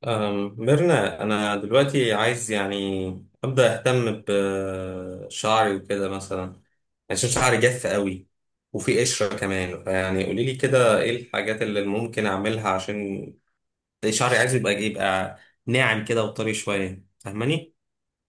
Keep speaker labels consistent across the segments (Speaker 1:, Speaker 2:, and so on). Speaker 1: ميرنا، أنا دلوقتي عايز يعني أبدأ أهتم بشعري وكده مثلا، عشان شعري جاف قوي وفي قشرة كمان. يعني قولي لي كده إيه الحاجات اللي ممكن أعملها عشان شعري؟ عايز يبقى ناعم كده وطري شوية، فاهماني؟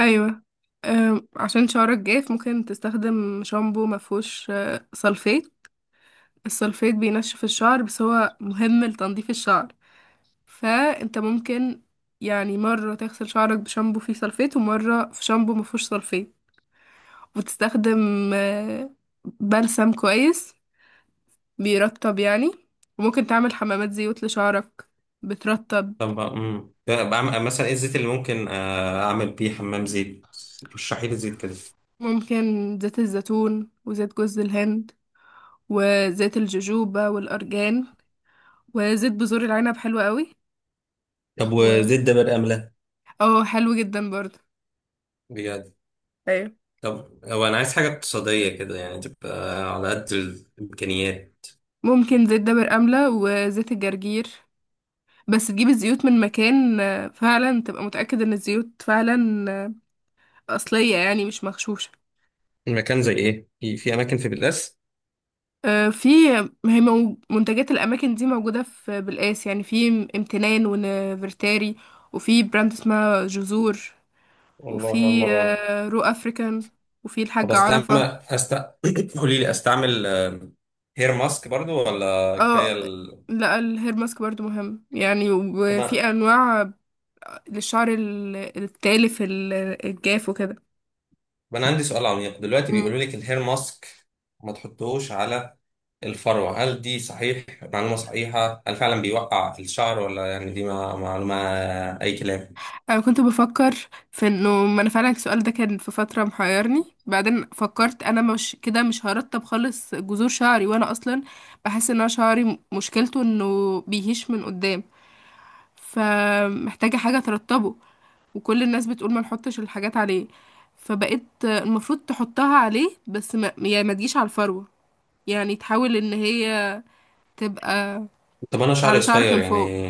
Speaker 2: ايوه. عشان شعرك جاف ممكن تستخدم شامبو مفهوش سلفيت. السلفيت بينشف الشعر، بس هو مهم لتنظيف الشعر، فانت ممكن يعني مرة تغسل شعرك بشامبو فيه سلفيت ومرة في شامبو مفهوش سلفيت، وتستخدم أه، بلسم كويس بيرطب يعني. وممكن تعمل حمامات زيوت لشعرك بترطب.
Speaker 1: طب بعمل مثلا إيه الزيت اللي ممكن أعمل بيه حمام زيت؟ رشحي لي زيت كده.
Speaker 2: ممكن زيت الزيتون وزيت جوز الهند وزيت الجوجوبا والأرجان، وزيت بذور العنب حلو قوي.
Speaker 1: طب
Speaker 2: و
Speaker 1: وزيت ده برقم لا؟
Speaker 2: اه، حلو جدا برضه.
Speaker 1: بجد؟
Speaker 2: ايوه.
Speaker 1: طب هو انا عايز حاجه اقتصاديه كده، يعني تبقى على قد الامكانيات.
Speaker 2: ممكن زيت دابر أملة وزيت الجرجير، بس تجيب الزيوت من مكان فعلا تبقى متأكد ان الزيوت فعلا أصلية يعني مش مغشوشة.
Speaker 1: المكان زي ايه؟ في اماكن في بتلاس؟
Speaker 2: في، هي منتجات الأماكن دي موجودة في بالقاس، يعني في امتنان ونفرتاري، وفي براند اسمها جذور،
Speaker 1: والله اول
Speaker 2: وفي
Speaker 1: مره أعرف.
Speaker 2: رو أفريكان، وفي
Speaker 1: طب
Speaker 2: الحاج
Speaker 1: استعمل،
Speaker 2: عرفة.
Speaker 1: أست... قولي لي، استعمل هير ماسك برضو ولا كفايه
Speaker 2: اه،
Speaker 1: ال...؟
Speaker 2: لا، الهير ماسك برضو مهم يعني،
Speaker 1: طب ما،
Speaker 2: وفي انواع للشعر التالف الجاف وكده.
Speaker 1: طب انا عندي سؤال عميق دلوقتي.
Speaker 2: مم.
Speaker 1: بيقولوا لك الهير ماسك ما تحطوش على الفروه، هل دي صحيح، معلومه صحيحه؟ هل فعلا بيوقع الشعر ولا يعني دي معلومه اي كلام؟
Speaker 2: انا كنت بفكر في انه، ما انا فعلا السؤال ده كان في فتره محيرني، بعدين فكرت انا مش كده، مش هرطب خالص جذور شعري، وانا اصلا بحس ان انا شعري مشكلته انه بيهش من قدام، فمحتاجه حاجه ترطبه. وكل الناس بتقول ما نحطش الحاجات عليه، فبقيت المفروض تحطها عليه، بس ما يعني ما تجيش على الفروه، يعني تحاول ان هي تبقى
Speaker 1: طب انا شعري
Speaker 2: على شعرك
Speaker 1: قصير
Speaker 2: من فوق.
Speaker 1: يعني،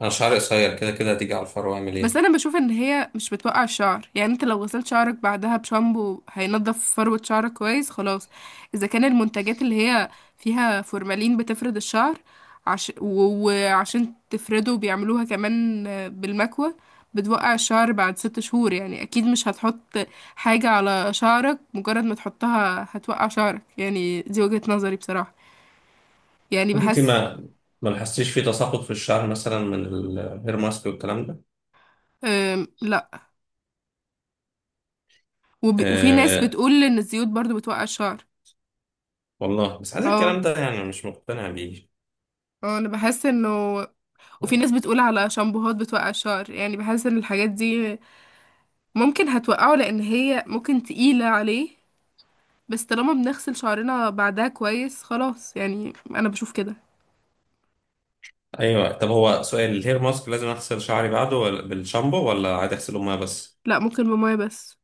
Speaker 1: انا شعري قصير كده كده هتيجي على الفرو، اعمل
Speaker 2: بس انا
Speaker 1: ايه؟
Speaker 2: بشوف ان هي مش بتوقع الشعر، يعني انت لو غسلت شعرك بعدها بشامبو هينضف فروة شعرك كويس خلاص. اذا كان المنتجات اللي هي فيها فورمالين بتفرد الشعر، عش... و- وعشان تفرده بيعملوها كمان بالمكوى، بتوقع الشعر بعد ست شهور، يعني اكيد مش هتحط حاجة على شعرك مجرد ما تحطها هتوقع شعرك. يعني دي وجهة نظري بصراحة، يعني
Speaker 1: طب انت
Speaker 2: بحس.
Speaker 1: ما، ما لاحظتيش في تساقط في الشعر مثلا من الهير ماسك والكلام ده؟
Speaker 2: لا. وب... وفي ناس
Speaker 1: آه،
Speaker 2: بتقول ان الزيوت برضو بتوقع الشعر.
Speaker 1: والله بس عايز
Speaker 2: اه.
Speaker 1: الكلام ده، يعني مش مقتنع بيه.
Speaker 2: اه، انا بحس انه، وفي ناس بتقول على شامبوهات بتوقع الشعر، يعني بحس ان الحاجات دي ممكن هتوقعه لان هي ممكن تقيلة عليه، بس طالما بنغسل شعرنا بعدها كويس خلاص، يعني انا بشوف كده.
Speaker 1: ايوه. طب هو سؤال، الهير ماسك لازم اغسل شعري بعده ولا بالشامبو، ولا عادي اغسله ميه بس؟
Speaker 2: لا، ممكن بمية بس.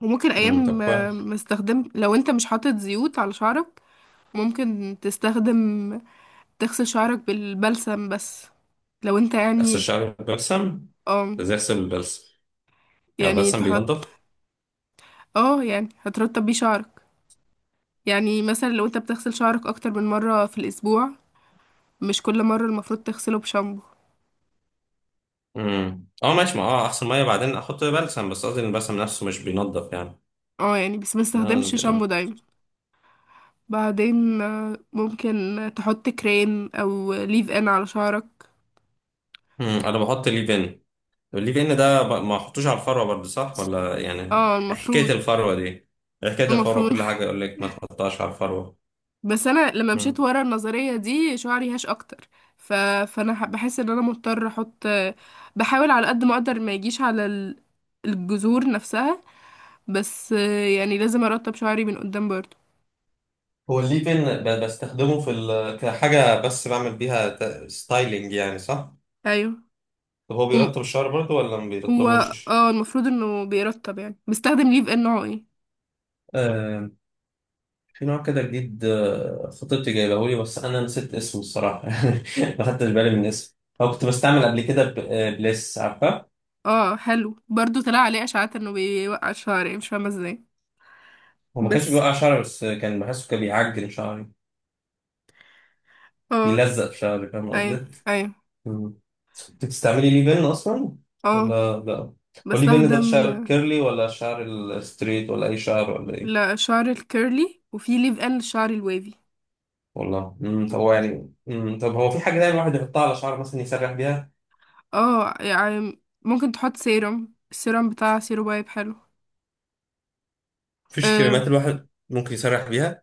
Speaker 2: وممكن ايام
Speaker 1: طب
Speaker 2: ما
Speaker 1: كويس.
Speaker 2: ما استخدم، لو انت مش حاطط زيوت على شعرك ممكن تستخدم تغسل شعرك بالبلسم بس، لو انت
Speaker 1: اغسل
Speaker 2: يعني.
Speaker 1: شعري بالبلسم؟
Speaker 2: اه.
Speaker 1: ده زي اغسل بالبلسم؟ يعني
Speaker 2: يعني
Speaker 1: البلسم
Speaker 2: تحط،
Speaker 1: بينضف؟
Speaker 2: اه يعني هترطب بيه شعرك، يعني مثلا لو انت بتغسل شعرك اكتر من مرة في الاسبوع مش كل مرة المفروض تغسله بشامبو.
Speaker 1: اه ماشي. ما اه اغسل ميه بعدين احط بلسم، بس قصدي ان البلسم نفسه مش بينضف
Speaker 2: اه يعني بس ما استخدمش
Speaker 1: يعني.
Speaker 2: شامبو دايما. بعدين ممكن تحط كريم او ليف ان على شعرك.
Speaker 1: انا بحط ليف ان. طب الليف ان ده ما احطوش على الفروه برضه، صح ولا يعني؟
Speaker 2: اه
Speaker 1: حكايه
Speaker 2: المفروض.
Speaker 1: الفروه دي، حكايه الفروه
Speaker 2: المفروض
Speaker 1: كل حاجه يقول لك ما تحطهاش على الفروه.
Speaker 2: بس انا لما مشيت
Speaker 1: مم.
Speaker 2: ورا النظرية دي شعري هاش اكتر. ف... فانا بحس ان انا مضطر احط، بحاول على قد ما اقدر ما يجيش على الجذور نفسها، بس يعني لازم ارطب شعري من قدام برضه.
Speaker 1: هو الليف ان بستخدمه في ال... كحاجه بس بعمل بيها ستايلينج يعني، صح؟
Speaker 2: ايوه.
Speaker 1: طب هو
Speaker 2: وم-
Speaker 1: بيرطب الشعر برضه ولا ما
Speaker 2: هو،
Speaker 1: بيرطبوش؟
Speaker 2: اه المفروض انه بيرطب. يعني بستخدم ليف ان نوعه ايه.
Speaker 1: آه، في نوع كده جديد، خطيبتي جايبه لي بس انا نسيت اسمه الصراحه. ما خدتش بالي من اسمه. هو كنت بستعمل قبل كده بليس، عارفه؟
Speaker 2: اه حلو برضو، طلع عليه اشاعات انه بيوقع الشعر يعني مش فاهمه ازاي.
Speaker 1: هو ما كانش
Speaker 2: بس.
Speaker 1: بيوقع شعري، بس كان بحسه كان بيعجن شعري،
Speaker 2: اه.
Speaker 1: بيلزق في شعرك، فاهم
Speaker 2: ايوه.
Speaker 1: قصدي؟
Speaker 2: ايوه.
Speaker 1: مم. كنت بتستعملي ليه بن أصلا
Speaker 2: اه
Speaker 1: ولا لا؟ هو ليه بن ده
Speaker 2: بستخدم.
Speaker 1: الشعر الكيرلي ولا الشعر الستريت ولا أي شعر ولا إيه؟
Speaker 2: لا، شعر الكيرلي، وفي ليف ان للشعر الوافي.
Speaker 1: والله. مم. طب هو يعني، مم، طب هو في حاجة دايما الواحد يحطها على شعره مثلا يسرح بيها؟
Speaker 2: اه يعني ممكن تحط سيرم. السيرم بتاع سيرو بايب حلو.
Speaker 1: مفيش
Speaker 2: آه،
Speaker 1: كريمات الواحد ممكن يسرح بيها؟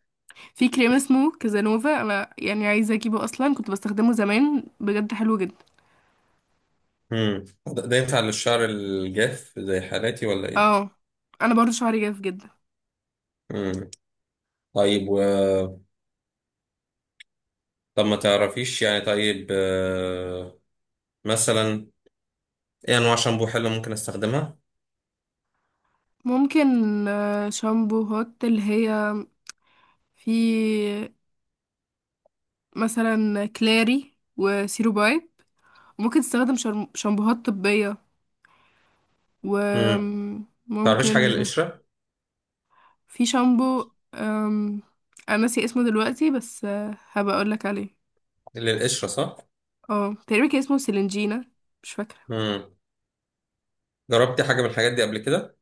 Speaker 2: في كريم اسمه كازانوفا، انا يعني عايزه اجيبه، اصلا كنت بستخدمه زمان، بجد حلو جدا.
Speaker 1: مم. ده ينفع للشعر الجاف زي حالاتي ولا إيه؟
Speaker 2: اه، انا برضو شعري جاف جدا.
Speaker 1: مم. طيب و... طب ما تعرفيش يعني، طيب مثلا إيه أنواع شامبو حلوة ممكن أستخدمها؟
Speaker 2: ممكن شامبوهات اللي هي في مثلا كلاري وسيرو بايب. ممكن تستخدم شامبوهات طبية.
Speaker 1: مم. تعرفيش حاجة
Speaker 2: وممكن.
Speaker 1: للقشرة؟
Speaker 2: في شامبو انا ناسي اسمه دلوقتي، بس هبقى اقولك عليه.
Speaker 1: للقشرة، صح؟
Speaker 2: اه تقريبا كان اسمه سيلينجينا، مش فاكرة.
Speaker 1: مم. جربتي حاجة من الحاجات دي قبل كده؟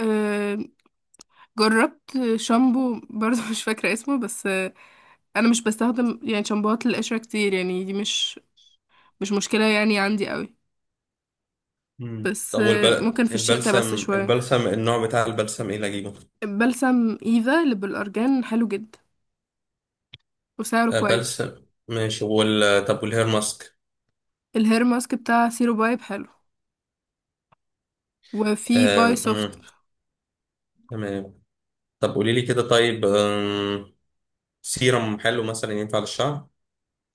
Speaker 2: آم، جربت شامبو برضه مش فاكرة اسمه، بس انا مش بستخدم يعني شامبوهات للقشرة كتير، يعني دي مش مش مشكلة يعني عندي قوي.
Speaker 1: مم.
Speaker 2: بس
Speaker 1: طب والبل...
Speaker 2: ممكن في الشتاء بس
Speaker 1: البلسم،
Speaker 2: شوية.
Speaker 1: البلسم النوع بتاع البلسم ايه اللي اجيبه؟
Speaker 2: البلسم ايفا اللي بالأرجان حلو جدا وسعره
Speaker 1: آه،
Speaker 2: كويس.
Speaker 1: بلسم ماشي وال... طب والهير ماسك؟
Speaker 2: الهير ماسك بتاع سيرو بايب حلو، وفي
Speaker 1: آه...
Speaker 2: باي سوفت.
Speaker 1: مم. تمام. طب قولي لي كده، طيب سيرم حلو مثلا ينفع للشعر؟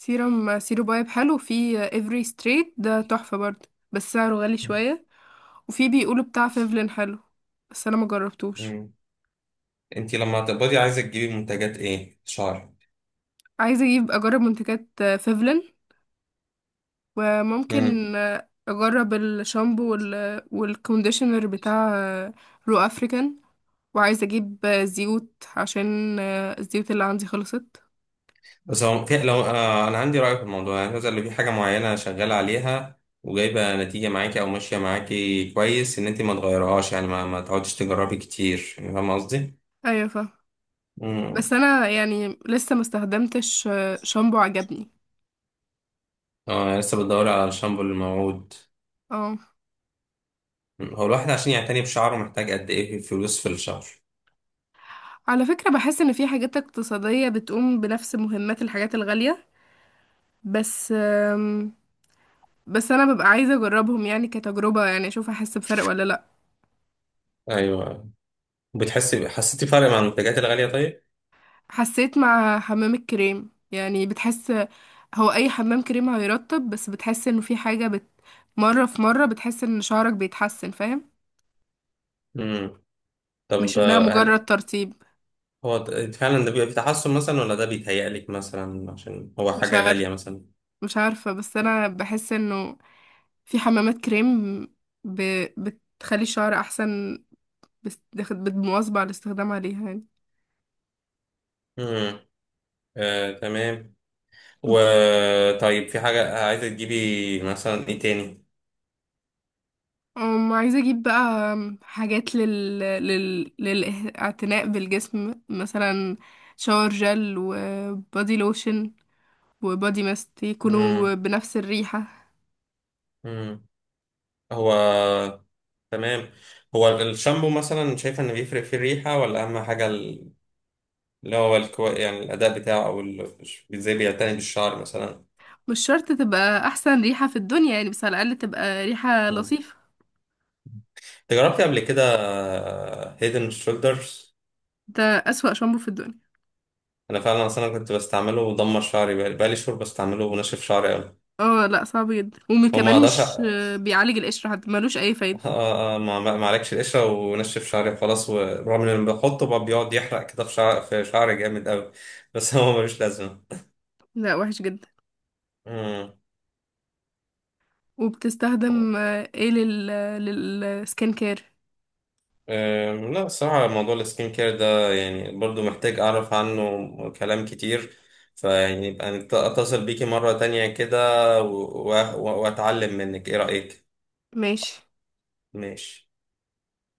Speaker 2: سيرم سيرو بايب حلو، وفي افري ستريت ده تحفة برضه بس سعره غالي شوية، وفي بيقولوا بتاع فيفلين حلو بس انا ما جربتوش.
Speaker 1: مم. انتي لما هتقبضي عايزة تجيبي منتجات ايه؟ شعر؟
Speaker 2: عايزة اجيب، اجرب منتجات فيفلين، وممكن اجرب الشامبو وال... والكونديشنر بتاع رو افريكان، وعايزة اجيب زيوت عشان الزيوت اللي عندي خلصت.
Speaker 1: بس هو في، لو آه انا عندي رأي في الموضوع، يعني مثلا لو في حاجة معينة شغالة عليها وجايبة نتيجة معاكي او ماشية معاكي كويس، ان انت ما تغيرهاش يعني، ما تقعديش تجربي كتير يعني، فاهم قصدي؟
Speaker 2: ايوه فاهمة، بس
Speaker 1: امم.
Speaker 2: انا يعني لسه ما استخدمتش شامبو عجبني.
Speaker 1: اه يعني لسه بتدوري على الشامبو الموعود.
Speaker 2: اه.
Speaker 1: مم. هو الواحد عشان يعتني بشعره محتاج قد ايه في فلوس في الشهر؟
Speaker 2: على فكرة بحس ان في حاجات اقتصادية بتقوم بنفس مهمات الحاجات الغالية، بس بس انا ببقى عايزة اجربهم يعني كتجربة، يعني اشوف احس بفرق ولا لا.
Speaker 1: ايوه. بتحسي، حسيتي فرق مع المنتجات الغالية طيب؟
Speaker 2: حسيت مع حمام الكريم يعني بتحس. هو اي حمام كريم هيرطب، بس بتحس انه في حاجة بت، مرة في مرة بتحس ان شعرك بيتحسن، فاهم؟
Speaker 1: امم.
Speaker 2: مش
Speaker 1: طب
Speaker 2: انها
Speaker 1: هل
Speaker 2: مجرد ترطيب.
Speaker 1: هو فعلا ده بيبقى في تحسن مثلا، ولا ده بيتهيألك مثلا عشان هو
Speaker 2: مش
Speaker 1: حاجة
Speaker 2: عارف،
Speaker 1: غالية مثلا؟
Speaker 2: مش عارفة، بس انا بحس انه في حمامات كريم ب... بتخلي الشعر احسن، بس بالمواظبة على الاستخدام عليها يعني.
Speaker 1: امم. آه، تمام. وطيب في حاجة عايزة تجيبي مثلا ايه تاني؟
Speaker 2: أم، عايزة أجيب بقى حاجات لل... لل... للاعتناء بالجسم مثلا، شاور جل وبادي لوشن وبادي ماست
Speaker 1: مم.
Speaker 2: يكونوا بنفس الريحة.
Speaker 1: مم. هو تمام. هو الشامبو مثلا شايفة ان بيفرق في الريحة، ولا اهم حاجة ال... اللي هو الكو... يعني الاداء بتاعه، او ال... ازاي بيعتني بالشعر مثلا.
Speaker 2: مش شرط تبقى أحسن ريحة في الدنيا يعني، بس على الأقل تبقى ريحة
Speaker 1: مم.
Speaker 2: لطيفة.
Speaker 1: انت جربتي قبل كده هيدن شولدرز؟
Speaker 2: ده أسوأ شامبو في الدنيا.
Speaker 1: انا فعلا اصلا كنت بستعمله ودمر شعري. بقالي شهور بستعمله وناشف شعري قوي.
Speaker 2: اه لا، صعب جدا،
Speaker 1: وما
Speaker 2: وكمان
Speaker 1: اقدرش،
Speaker 2: مش بيعالج القشر حتى، ملوش اي فايدة.
Speaker 1: ما عليكش، القشرة ونشف شعري وخلاص، ورغم ان أنا بحطه بقى بيقعد يحرق كده في شعر، في شعري جامد قوي. بس هو ملوش لازمة.
Speaker 2: لا وحش جدا.
Speaker 1: مم.
Speaker 2: وبتستخدم ايه لل، للسكين كير؟
Speaker 1: لا الصراحة، موضوع السكين كير ده يعني برضو محتاج أعرف عنه كلام كتير. فيعني يبقى أتصل بيكي مرة تانية كده، وأتعلم منك، إيه رأيك؟
Speaker 2: ماشي.
Speaker 1: ماشي.